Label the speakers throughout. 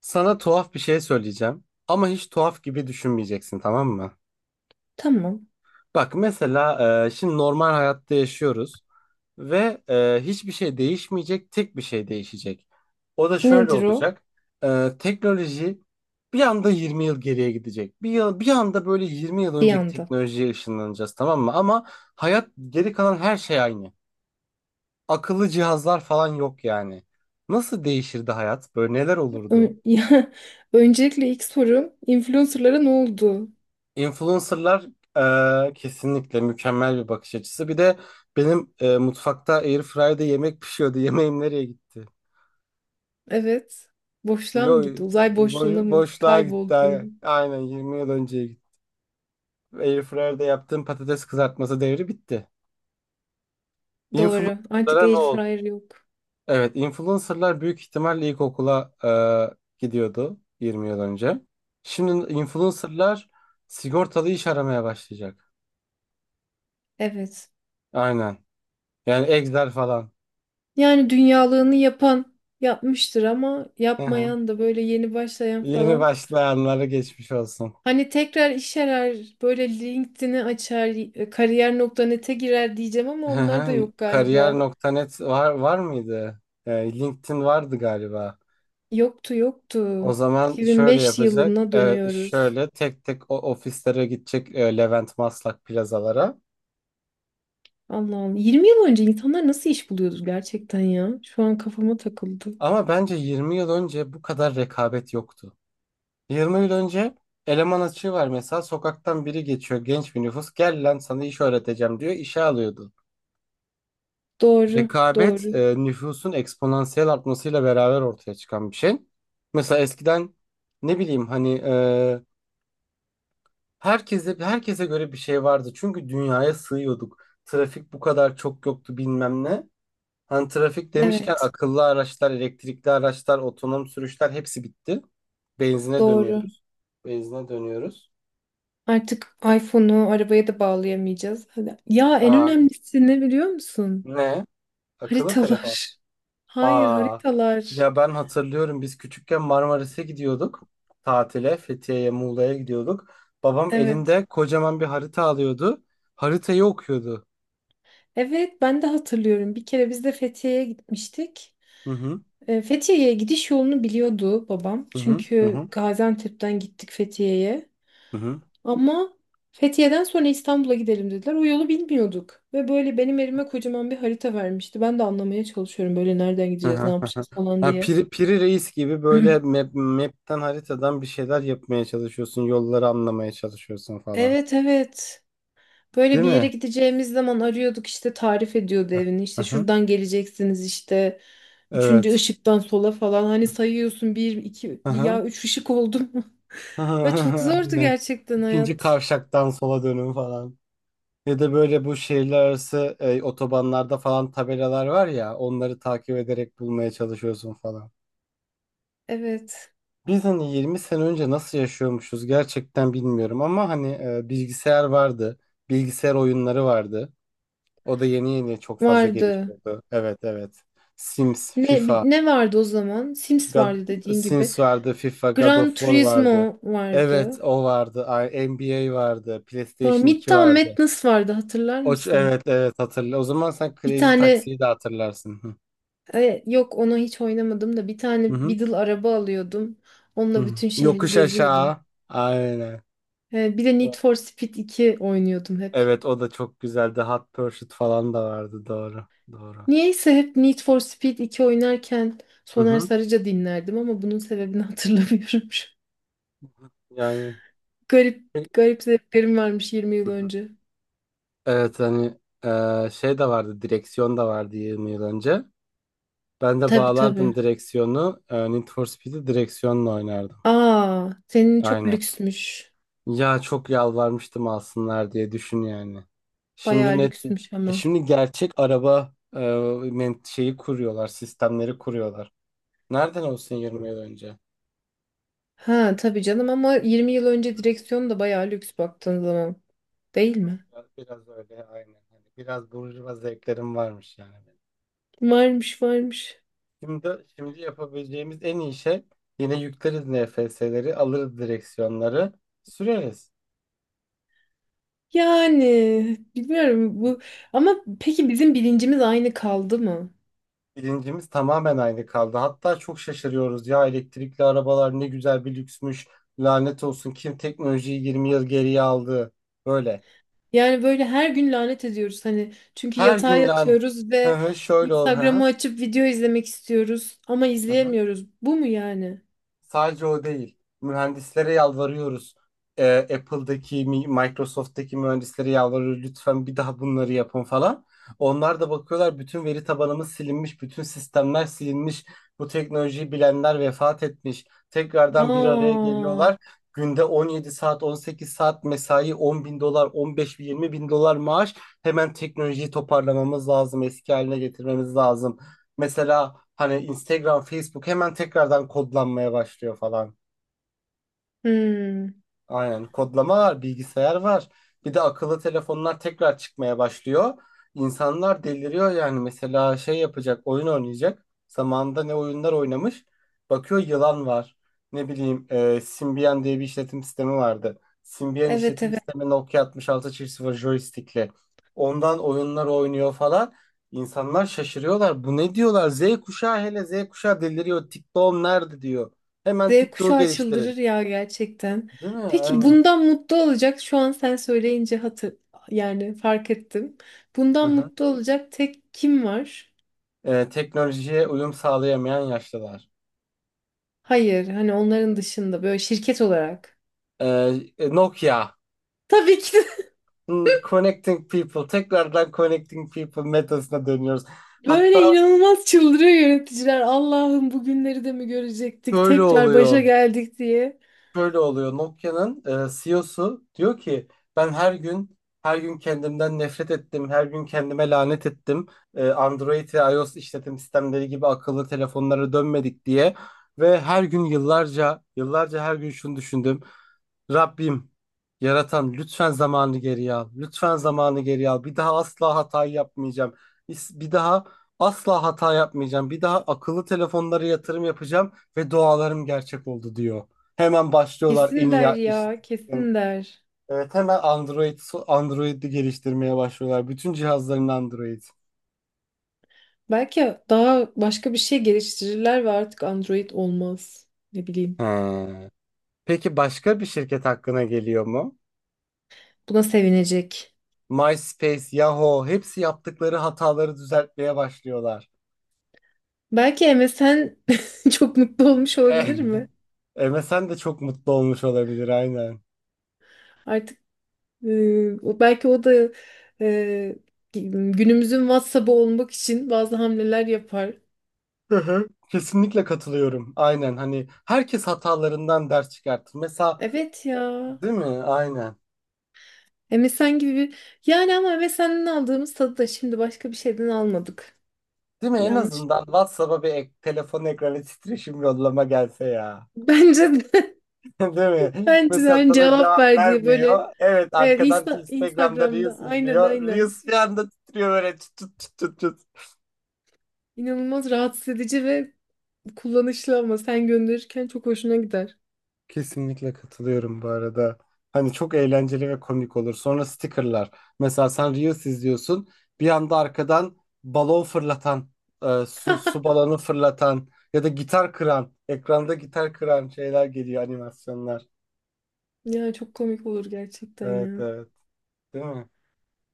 Speaker 1: Sana tuhaf bir şey söyleyeceğim ama hiç tuhaf gibi düşünmeyeceksin, tamam mı?
Speaker 2: Tamam.
Speaker 1: Bak mesela, şimdi normal hayatta yaşıyoruz ve hiçbir şey değişmeyecek, tek bir şey değişecek. O da şöyle
Speaker 2: Nedir o?
Speaker 1: olacak. Teknoloji bir anda 20 yıl geriye gidecek. Bir yıl, bir anda böyle 20 yıl
Speaker 2: Bir
Speaker 1: önceki
Speaker 2: anda.
Speaker 1: teknolojiye ışınlanacağız, tamam mı? Ama hayat, geri kalan her şey aynı. Akıllı cihazlar falan yok yani. Nasıl değişirdi hayat? Böyle neler olurdu?
Speaker 2: Ya, öncelikle ilk sorum influencerlara ne oldu?
Speaker 1: Influencerlar kesinlikle mükemmel bir bakış açısı. Bir de benim mutfakta Airfryer'da yemek pişiyordu. Yemeğim nereye gitti?
Speaker 2: Evet. Boşluğa mı
Speaker 1: Yo,
Speaker 2: gitti? Uzay boşluğuna mı?
Speaker 1: boşluğa gitti.
Speaker 2: Kayboldu mu?
Speaker 1: Aynen 20 yıl önce gitti. Airfryer'da yaptığım patates kızartması devri bitti.
Speaker 2: Doğru. Artık
Speaker 1: Influencerlara ne
Speaker 2: air
Speaker 1: oldu?
Speaker 2: fryer yok.
Speaker 1: Evet, influencerlar büyük ihtimalle ilkokula gidiyordu 20 yıl önce. Şimdi influencerlar sigortalı iş aramaya başlayacak.
Speaker 2: Evet.
Speaker 1: Aynen. Yani Excel falan.
Speaker 2: Yani dünyalığını yapan yapmıştır ama yapmayan da böyle yeni başlayan
Speaker 1: Yeni
Speaker 2: falan.
Speaker 1: başlayanlara geçmiş olsun.
Speaker 2: Hani tekrar iş arar, böyle LinkedIn'i açar, kariyer.net'e girer diyeceğim ama
Speaker 1: Hı
Speaker 2: onlar da
Speaker 1: hı.
Speaker 2: yok
Speaker 1: Kariyer
Speaker 2: galiba.
Speaker 1: nokta net var mıydı? LinkedIn vardı galiba.
Speaker 2: Yoktu yoktu.
Speaker 1: O zaman şöyle
Speaker 2: 2005
Speaker 1: yapacak.
Speaker 2: yılına dönüyoruz.
Speaker 1: Şöyle tek tek o ofislere gidecek, Levent, Maslak plazalara.
Speaker 2: Allah Allah. 20 yıl önce insanlar nasıl iş buluyordu gerçekten ya? Şu an kafama takıldı.
Speaker 1: Ama bence 20 yıl önce bu kadar rekabet yoktu. 20 yıl önce eleman açığı var, mesela sokaktan biri geçiyor, genç bir nüfus, gel lan sana iş öğreteceğim diyor, işe alıyordu.
Speaker 2: Doğru,
Speaker 1: Rekabet,
Speaker 2: doğru.
Speaker 1: nüfusun eksponansiyel artmasıyla beraber ortaya çıkan bir şey. Mesela eskiden ne bileyim, hani herkese göre bir şey vardı. Çünkü dünyaya sığıyorduk. Trafik bu kadar çok yoktu, bilmem ne. Hani trafik demişken
Speaker 2: Evet,
Speaker 1: akıllı araçlar, elektrikli araçlar, otonom sürüşler hepsi bitti. Benzine
Speaker 2: doğru.
Speaker 1: dönüyoruz. Benzine dönüyoruz.
Speaker 2: Artık iPhone'u arabaya da bağlayamayacağız. Hadi. Ya en
Speaker 1: Aa,
Speaker 2: önemlisi ne biliyor musun?
Speaker 1: ne? Akıllı telefon.
Speaker 2: Haritalar. Hayır,
Speaker 1: Aa,
Speaker 2: haritalar.
Speaker 1: ya ben hatırlıyorum, biz küçükken Marmaris'e gidiyorduk tatile, Fethiye'ye, Muğla'ya gidiyorduk. Babam
Speaker 2: Evet.
Speaker 1: elinde kocaman bir harita alıyordu. Haritayı okuyordu.
Speaker 2: Evet, ben de hatırlıyorum. Bir kere biz de Fethiye'ye gitmiştik.
Speaker 1: Hı hı.
Speaker 2: Fethiye'ye gidiş yolunu biliyordu babam.
Speaker 1: Hı hı. Hı
Speaker 2: Çünkü
Speaker 1: hı.
Speaker 2: Gaziantep'ten gittik Fethiye'ye.
Speaker 1: Hı hı.
Speaker 2: Ama Fethiye'den sonra İstanbul'a gidelim dediler. O yolu bilmiyorduk. Ve böyle benim elime kocaman bir harita vermişti. Ben de anlamaya çalışıyorum böyle nereden
Speaker 1: Hı
Speaker 2: gideceğiz, ne
Speaker 1: hı, hı.
Speaker 2: yapacağız falan
Speaker 1: Ha,
Speaker 2: diye.
Speaker 1: Piri Reis gibi böyle map'ten haritadan bir şeyler yapmaya çalışıyorsun. Yolları anlamaya çalışıyorsun falan.
Speaker 2: Evet evet. Böyle
Speaker 1: Değil
Speaker 2: bir yere
Speaker 1: mi?
Speaker 2: gideceğimiz zaman arıyorduk işte tarif ediyordu evini.
Speaker 1: Hı
Speaker 2: İşte
Speaker 1: hı.
Speaker 2: şuradan geleceksiniz işte. Üçüncü
Speaker 1: Evet.
Speaker 2: ışıktan sola falan hani sayıyorsun bir iki
Speaker 1: Hı
Speaker 2: bir
Speaker 1: hı.
Speaker 2: ya üç ışık oldu mu? Ve çok zordu
Speaker 1: Aynen.
Speaker 2: gerçekten
Speaker 1: İkinci
Speaker 2: hayat.
Speaker 1: kavşaktan sola dönün falan. Ya da böyle bu şehirler arası otobanlarda falan tabelalar var ya, onları takip ederek bulmaya çalışıyorsun falan.
Speaker 2: Evet,
Speaker 1: Biz hani 20 sene önce nasıl yaşıyormuşuz gerçekten bilmiyorum ama hani bilgisayar vardı. Bilgisayar oyunları vardı. O da yeni yeni çok fazla
Speaker 2: vardı.
Speaker 1: gelişiyordu. Evet, evet. Sims, FIFA,
Speaker 2: Ne vardı o zaman? Sims
Speaker 1: God,
Speaker 2: vardı dediğin gibi.
Speaker 1: Sims vardı, FIFA, God of
Speaker 2: Gran
Speaker 1: War vardı.
Speaker 2: Turismo
Speaker 1: Evet
Speaker 2: vardı.
Speaker 1: o vardı. Ay, NBA vardı.
Speaker 2: Sonra
Speaker 1: PlayStation 2
Speaker 2: Midtown
Speaker 1: vardı.
Speaker 2: Madness vardı hatırlar
Speaker 1: O,
Speaker 2: mısın?
Speaker 1: evet evet, hatırla. O zaman sen
Speaker 2: Bir
Speaker 1: Crazy
Speaker 2: tane
Speaker 1: Taxi'yi de hatırlarsın.
Speaker 2: yok onu hiç oynamadım da bir
Speaker 1: Hı
Speaker 2: tane
Speaker 1: hı.
Speaker 2: Beetle araba alıyordum.
Speaker 1: Hı
Speaker 2: Onunla
Speaker 1: hı.
Speaker 2: bütün şehri
Speaker 1: Yokuş
Speaker 2: geziyordum.
Speaker 1: aşağı. Aynen.
Speaker 2: Bir de Need for Speed 2 oynuyordum hep.
Speaker 1: Evet o da çok güzeldi. Hot Pursuit falan da vardı. Doğru. Doğru.
Speaker 2: Niyeyse hep Need for Speed 2 oynarken
Speaker 1: Hı
Speaker 2: Soner
Speaker 1: hı.
Speaker 2: Sarıca dinlerdim ama bunun sebebini hatırlamıyorum. Şu an.
Speaker 1: Yani.
Speaker 2: Garip garip zevklerim varmış 20
Speaker 1: Hı
Speaker 2: yıl
Speaker 1: hı.
Speaker 2: önce.
Speaker 1: Evet hani, şey de vardı. Direksiyon da vardı 20 yıl önce. Ben de
Speaker 2: Tabii tabii.
Speaker 1: bağlardım direksiyonu. Need for Speed'i direksiyonla oynardım.
Speaker 2: Aa, senin çok
Speaker 1: Aynen.
Speaker 2: lüksmüş.
Speaker 1: Ya çok yalvarmıştım alsınlar diye, düşün yani. Şimdi
Speaker 2: Bayağı
Speaker 1: net.
Speaker 2: lüksmüş ama.
Speaker 1: Şimdi gerçek araba, şeyi kuruyorlar. Sistemleri kuruyorlar. Nereden olsun 20 yıl önce?
Speaker 2: Ha tabii canım ama 20 yıl önce direksiyon da bayağı lüks baktığın zaman. Değil mi?
Speaker 1: Biraz, biraz öyle aynen. Hani biraz burjuva zevklerim varmış yani, benim.
Speaker 2: Varmış varmış.
Speaker 1: Şimdi, yapabileceğimiz en iyi şey, yine yükleriz NFS'leri, alırız direksiyonları, süreriz.
Speaker 2: Yani bilmiyorum bu ama peki bizim bilincimiz aynı kaldı mı?
Speaker 1: Bilincimiz tamamen aynı kaldı. Hatta çok şaşırıyoruz. Ya, elektrikli arabalar ne güzel bir lüksmüş. Lanet olsun, kim teknolojiyi 20 yıl geriye aldı? Böyle.
Speaker 2: Yani böyle her gün lanet ediyoruz hani çünkü
Speaker 1: Her
Speaker 2: yatağa
Speaker 1: gün lan.
Speaker 2: yatıyoruz
Speaker 1: Hı
Speaker 2: ve
Speaker 1: hı, şöyle ol. Hı hı.
Speaker 2: Instagram'ı açıp video izlemek istiyoruz ama
Speaker 1: Hı hı.
Speaker 2: izleyemiyoruz. Bu mu yani?
Speaker 1: Sadece o değil. Mühendislere yalvarıyoruz. Apple'daki, Microsoft'taki mühendislere yalvarıyoruz. Lütfen bir daha bunları yapın falan. Onlar da bakıyorlar, bütün veri tabanımız silinmiş, bütün sistemler silinmiş. Bu teknolojiyi bilenler vefat etmiş. Tekrardan bir araya
Speaker 2: Aa.
Speaker 1: geliyorlar. Günde 17 saat, 18 saat mesai, 10 bin dolar, 15 bin, 20 bin dolar maaş. Hemen teknolojiyi toparlamamız lazım, eski haline getirmemiz lazım. Mesela hani Instagram, Facebook hemen tekrardan kodlanmaya başlıyor falan.
Speaker 2: Hmm.
Speaker 1: Aynen kodlama var, bilgisayar var. Bir de akıllı telefonlar tekrar çıkmaya başlıyor. İnsanlar deliriyor yani, mesela şey yapacak, oyun oynayacak. Zamanında ne oyunlar oynamış. Bakıyor yılan var. Ne bileyim, Symbian diye bir işletim sistemi vardı. Symbian
Speaker 2: Evet
Speaker 1: işletim
Speaker 2: evet.
Speaker 1: sistemi Nokia 6600 joystick'li. Ondan oyunlar oynuyor falan. İnsanlar şaşırıyorlar. Bu ne diyorlar? Z kuşağı, hele Z kuşağı deliriyor. TikTok'um nerede diyor. Hemen
Speaker 2: Z
Speaker 1: TikTok'u
Speaker 2: kuşağı
Speaker 1: geliştirin.
Speaker 2: çıldırır ya gerçekten.
Speaker 1: Değil mi?
Speaker 2: Peki
Speaker 1: Aynen.
Speaker 2: bundan mutlu olacak şu an sen söyleyince yani fark ettim.
Speaker 1: Hı
Speaker 2: Bundan
Speaker 1: hı.
Speaker 2: mutlu olacak tek kim var?
Speaker 1: Teknolojiye uyum sağlayamayan yaşlılar.
Speaker 2: Hayır hani onların dışında böyle şirket olarak.
Speaker 1: E, Nokia.
Speaker 2: Tabii ki de
Speaker 1: Connecting people. Tekrardan connecting people metasına dönüyoruz.
Speaker 2: böyle
Speaker 1: Hatta
Speaker 2: inanılmaz çıldırıyor yöneticiler. Allah'ım bugünleri de mi görecektik?
Speaker 1: şöyle
Speaker 2: Tekrar başa
Speaker 1: oluyor.
Speaker 2: geldik diye.
Speaker 1: Şöyle oluyor. Nokia'nın CEO'su diyor ki, ben her gün her gün kendimden nefret ettim. Her gün kendime lanet ettim. Android ve iOS işletim sistemleri gibi akıllı telefonlara dönmedik diye. Ve her gün yıllarca yıllarca her gün şunu düşündüm. Rabbim, yaratan, lütfen zamanı geriye al. Lütfen zamanı geriye al. Bir daha asla hata yapmayacağım. Bir daha asla hata yapmayacağım. Bir daha akıllı telefonlara yatırım yapacağım ve dualarım gerçek oldu diyor. Hemen başlıyorlar en
Speaker 2: Kesin
Speaker 1: iyi
Speaker 2: der
Speaker 1: işte.
Speaker 2: ya, kesin der.
Speaker 1: Evet, hemen Android'i geliştirmeye başlıyorlar. Bütün cihazların Android.
Speaker 2: Belki daha başka bir şey geliştirirler ve artık Android olmaz. Ne bileyim.
Speaker 1: He. Peki başka bir şirket hakkına geliyor mu?
Speaker 2: Buna sevinecek.
Speaker 1: MySpace, Yahoo, hepsi yaptıkları hataları düzeltmeye başlıyorlar.
Speaker 2: Belki MSN çok mutlu olmuş
Speaker 1: Eh,
Speaker 2: olabilir mi?
Speaker 1: MSN de çok mutlu olmuş olabilir, aynen.
Speaker 2: Artık belki o da e, günümüzün WhatsApp'ı olmak için bazı hamleler yapar.
Speaker 1: Hı hı. Kesinlikle katılıyorum. Aynen hani herkes hatalarından ders çıkartır. Mesela,
Speaker 2: Evet ya.
Speaker 1: değil mi? Aynen.
Speaker 2: MSN gibi bir... Yani ama MSN'den aldığımız tadı da şimdi başka bir şeyden almadık.
Speaker 1: Değil mi? En
Speaker 2: Yanlış
Speaker 1: azından
Speaker 2: değil.
Speaker 1: WhatsApp'a bir telefon ekranı titreşim yollama gelse ya.
Speaker 2: Bence de,
Speaker 1: Değil mi?
Speaker 2: bence de
Speaker 1: Mesela
Speaker 2: hani
Speaker 1: sana
Speaker 2: cevap
Speaker 1: cevap
Speaker 2: verdiği böyle
Speaker 1: vermiyor. Evet,
Speaker 2: evet
Speaker 1: arkadan
Speaker 2: Insta-
Speaker 1: Instagram'da
Speaker 2: Instagram'da
Speaker 1: Reels
Speaker 2: aynen
Speaker 1: izliyor.
Speaker 2: aynen.
Speaker 1: Reels bir anda titriyor böyle, tut tut tut tut, tut.
Speaker 2: İnanılmaz rahatsız edici ve kullanışlı ama sen gönderirken çok hoşuna gider.
Speaker 1: Kesinlikle katılıyorum bu arada. Hani çok eğlenceli ve komik olur. Sonra stickerlar. Mesela sen Reels izliyorsun. Bir anda arkadan balon fırlatan, su balonu fırlatan ya da gitar kıran, ekranda gitar kıran şeyler geliyor, animasyonlar.
Speaker 2: Ya çok komik olur gerçekten
Speaker 1: Evet,
Speaker 2: ya.
Speaker 1: evet. Değil mi?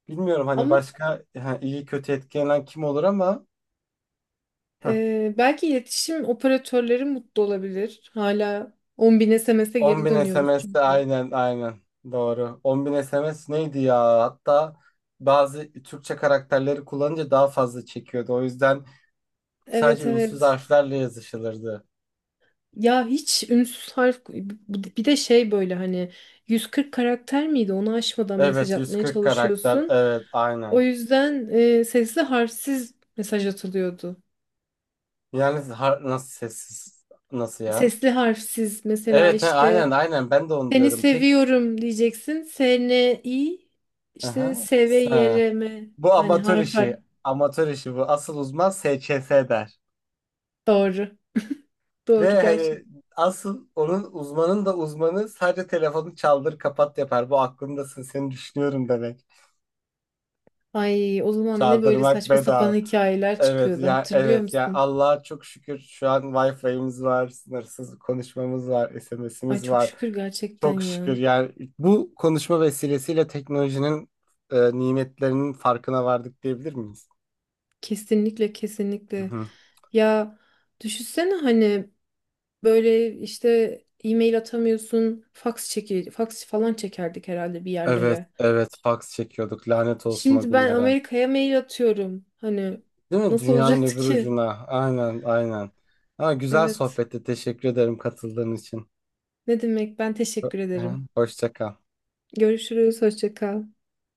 Speaker 1: Bilmiyorum hani
Speaker 2: Ama
Speaker 1: başka, ha, iyi kötü etkilenen kim olur ama hı,
Speaker 2: belki iletişim operatörleri mutlu olabilir. Hala 10 bin SMS'e
Speaker 1: 10
Speaker 2: geri
Speaker 1: bin
Speaker 2: dönüyoruz
Speaker 1: SMS de
Speaker 2: çünkü.
Speaker 1: aynen aynen doğru. 10 bin SMS neydi ya? Hatta bazı Türkçe karakterleri kullanınca daha fazla çekiyordu. O yüzden sadece
Speaker 2: Evet
Speaker 1: ünsüz
Speaker 2: evet.
Speaker 1: harflerle yazışılırdı.
Speaker 2: Ya hiç ünsüz harf bir de şey böyle hani 140 karakter miydi? Onu aşmadan mesaj
Speaker 1: Evet,
Speaker 2: atmaya
Speaker 1: 140 karakter,
Speaker 2: çalışıyorsun.
Speaker 1: evet
Speaker 2: O
Speaker 1: aynen.
Speaker 2: yüzden sesli harfsiz mesaj atılıyordu.
Speaker 1: Yani nasıl sessiz, nasıl ya?
Speaker 2: Sesli harfsiz mesela
Speaker 1: Evet he,
Speaker 2: işte
Speaker 1: aynen aynen ben de onu
Speaker 2: Seni
Speaker 1: diyorum. Peki,
Speaker 2: seviyorum diyeceksin. Seni iyi. İşte
Speaker 1: aha,
Speaker 2: seve
Speaker 1: ha.
Speaker 2: yereme.
Speaker 1: Bu
Speaker 2: Yani
Speaker 1: amatör
Speaker 2: harf harf.
Speaker 1: işi, amatör işi bu, asıl uzman SCS der.
Speaker 2: Doğru. Doğru
Speaker 1: Ve
Speaker 2: gerçek.
Speaker 1: hani asıl onun uzmanın da uzmanı sadece telefonu çaldır kapat yapar. Bu aklımdasın, seni düşünüyorum demek.
Speaker 2: Ay o zaman ne böyle
Speaker 1: Çaldırmak
Speaker 2: saçma sapan
Speaker 1: bedava.
Speaker 2: hikayeler
Speaker 1: Evet
Speaker 2: çıkıyordu
Speaker 1: ya,
Speaker 2: hatırlıyor
Speaker 1: evet ya,
Speaker 2: musun?
Speaker 1: Allah'a çok şükür şu an Wi-Fi'miz var, sınırsız konuşmamız var,
Speaker 2: Ay
Speaker 1: SMS'imiz
Speaker 2: çok
Speaker 1: var.
Speaker 2: şükür gerçekten
Speaker 1: Çok şükür
Speaker 2: ya.
Speaker 1: yani, bu konuşma vesilesiyle teknolojinin nimetlerinin farkına vardık diyebilir miyiz?
Speaker 2: Kesinlikle
Speaker 1: Hı
Speaker 2: kesinlikle.
Speaker 1: hı.
Speaker 2: Ya düşünsene hani böyle işte e-mail atamıyorsun. Fax falan çekerdik herhalde bir
Speaker 1: Evet,
Speaker 2: yerlere.
Speaker 1: evet fax çekiyorduk. Lanet olsun o
Speaker 2: Şimdi ben
Speaker 1: günlere.
Speaker 2: Amerika'ya mail atıyorum. Hani
Speaker 1: Değil mi?
Speaker 2: nasıl
Speaker 1: Dünyanın
Speaker 2: olacaktı
Speaker 1: öbür
Speaker 2: ki?
Speaker 1: ucuna. Aynen, aynen. Ha, güzel
Speaker 2: Evet.
Speaker 1: sohbetti. Teşekkür ederim katıldığın için.
Speaker 2: Ne demek? Ben teşekkür
Speaker 1: Hı.
Speaker 2: ederim.
Speaker 1: Hoşça kal.
Speaker 2: Görüşürüz. Hoşça kal.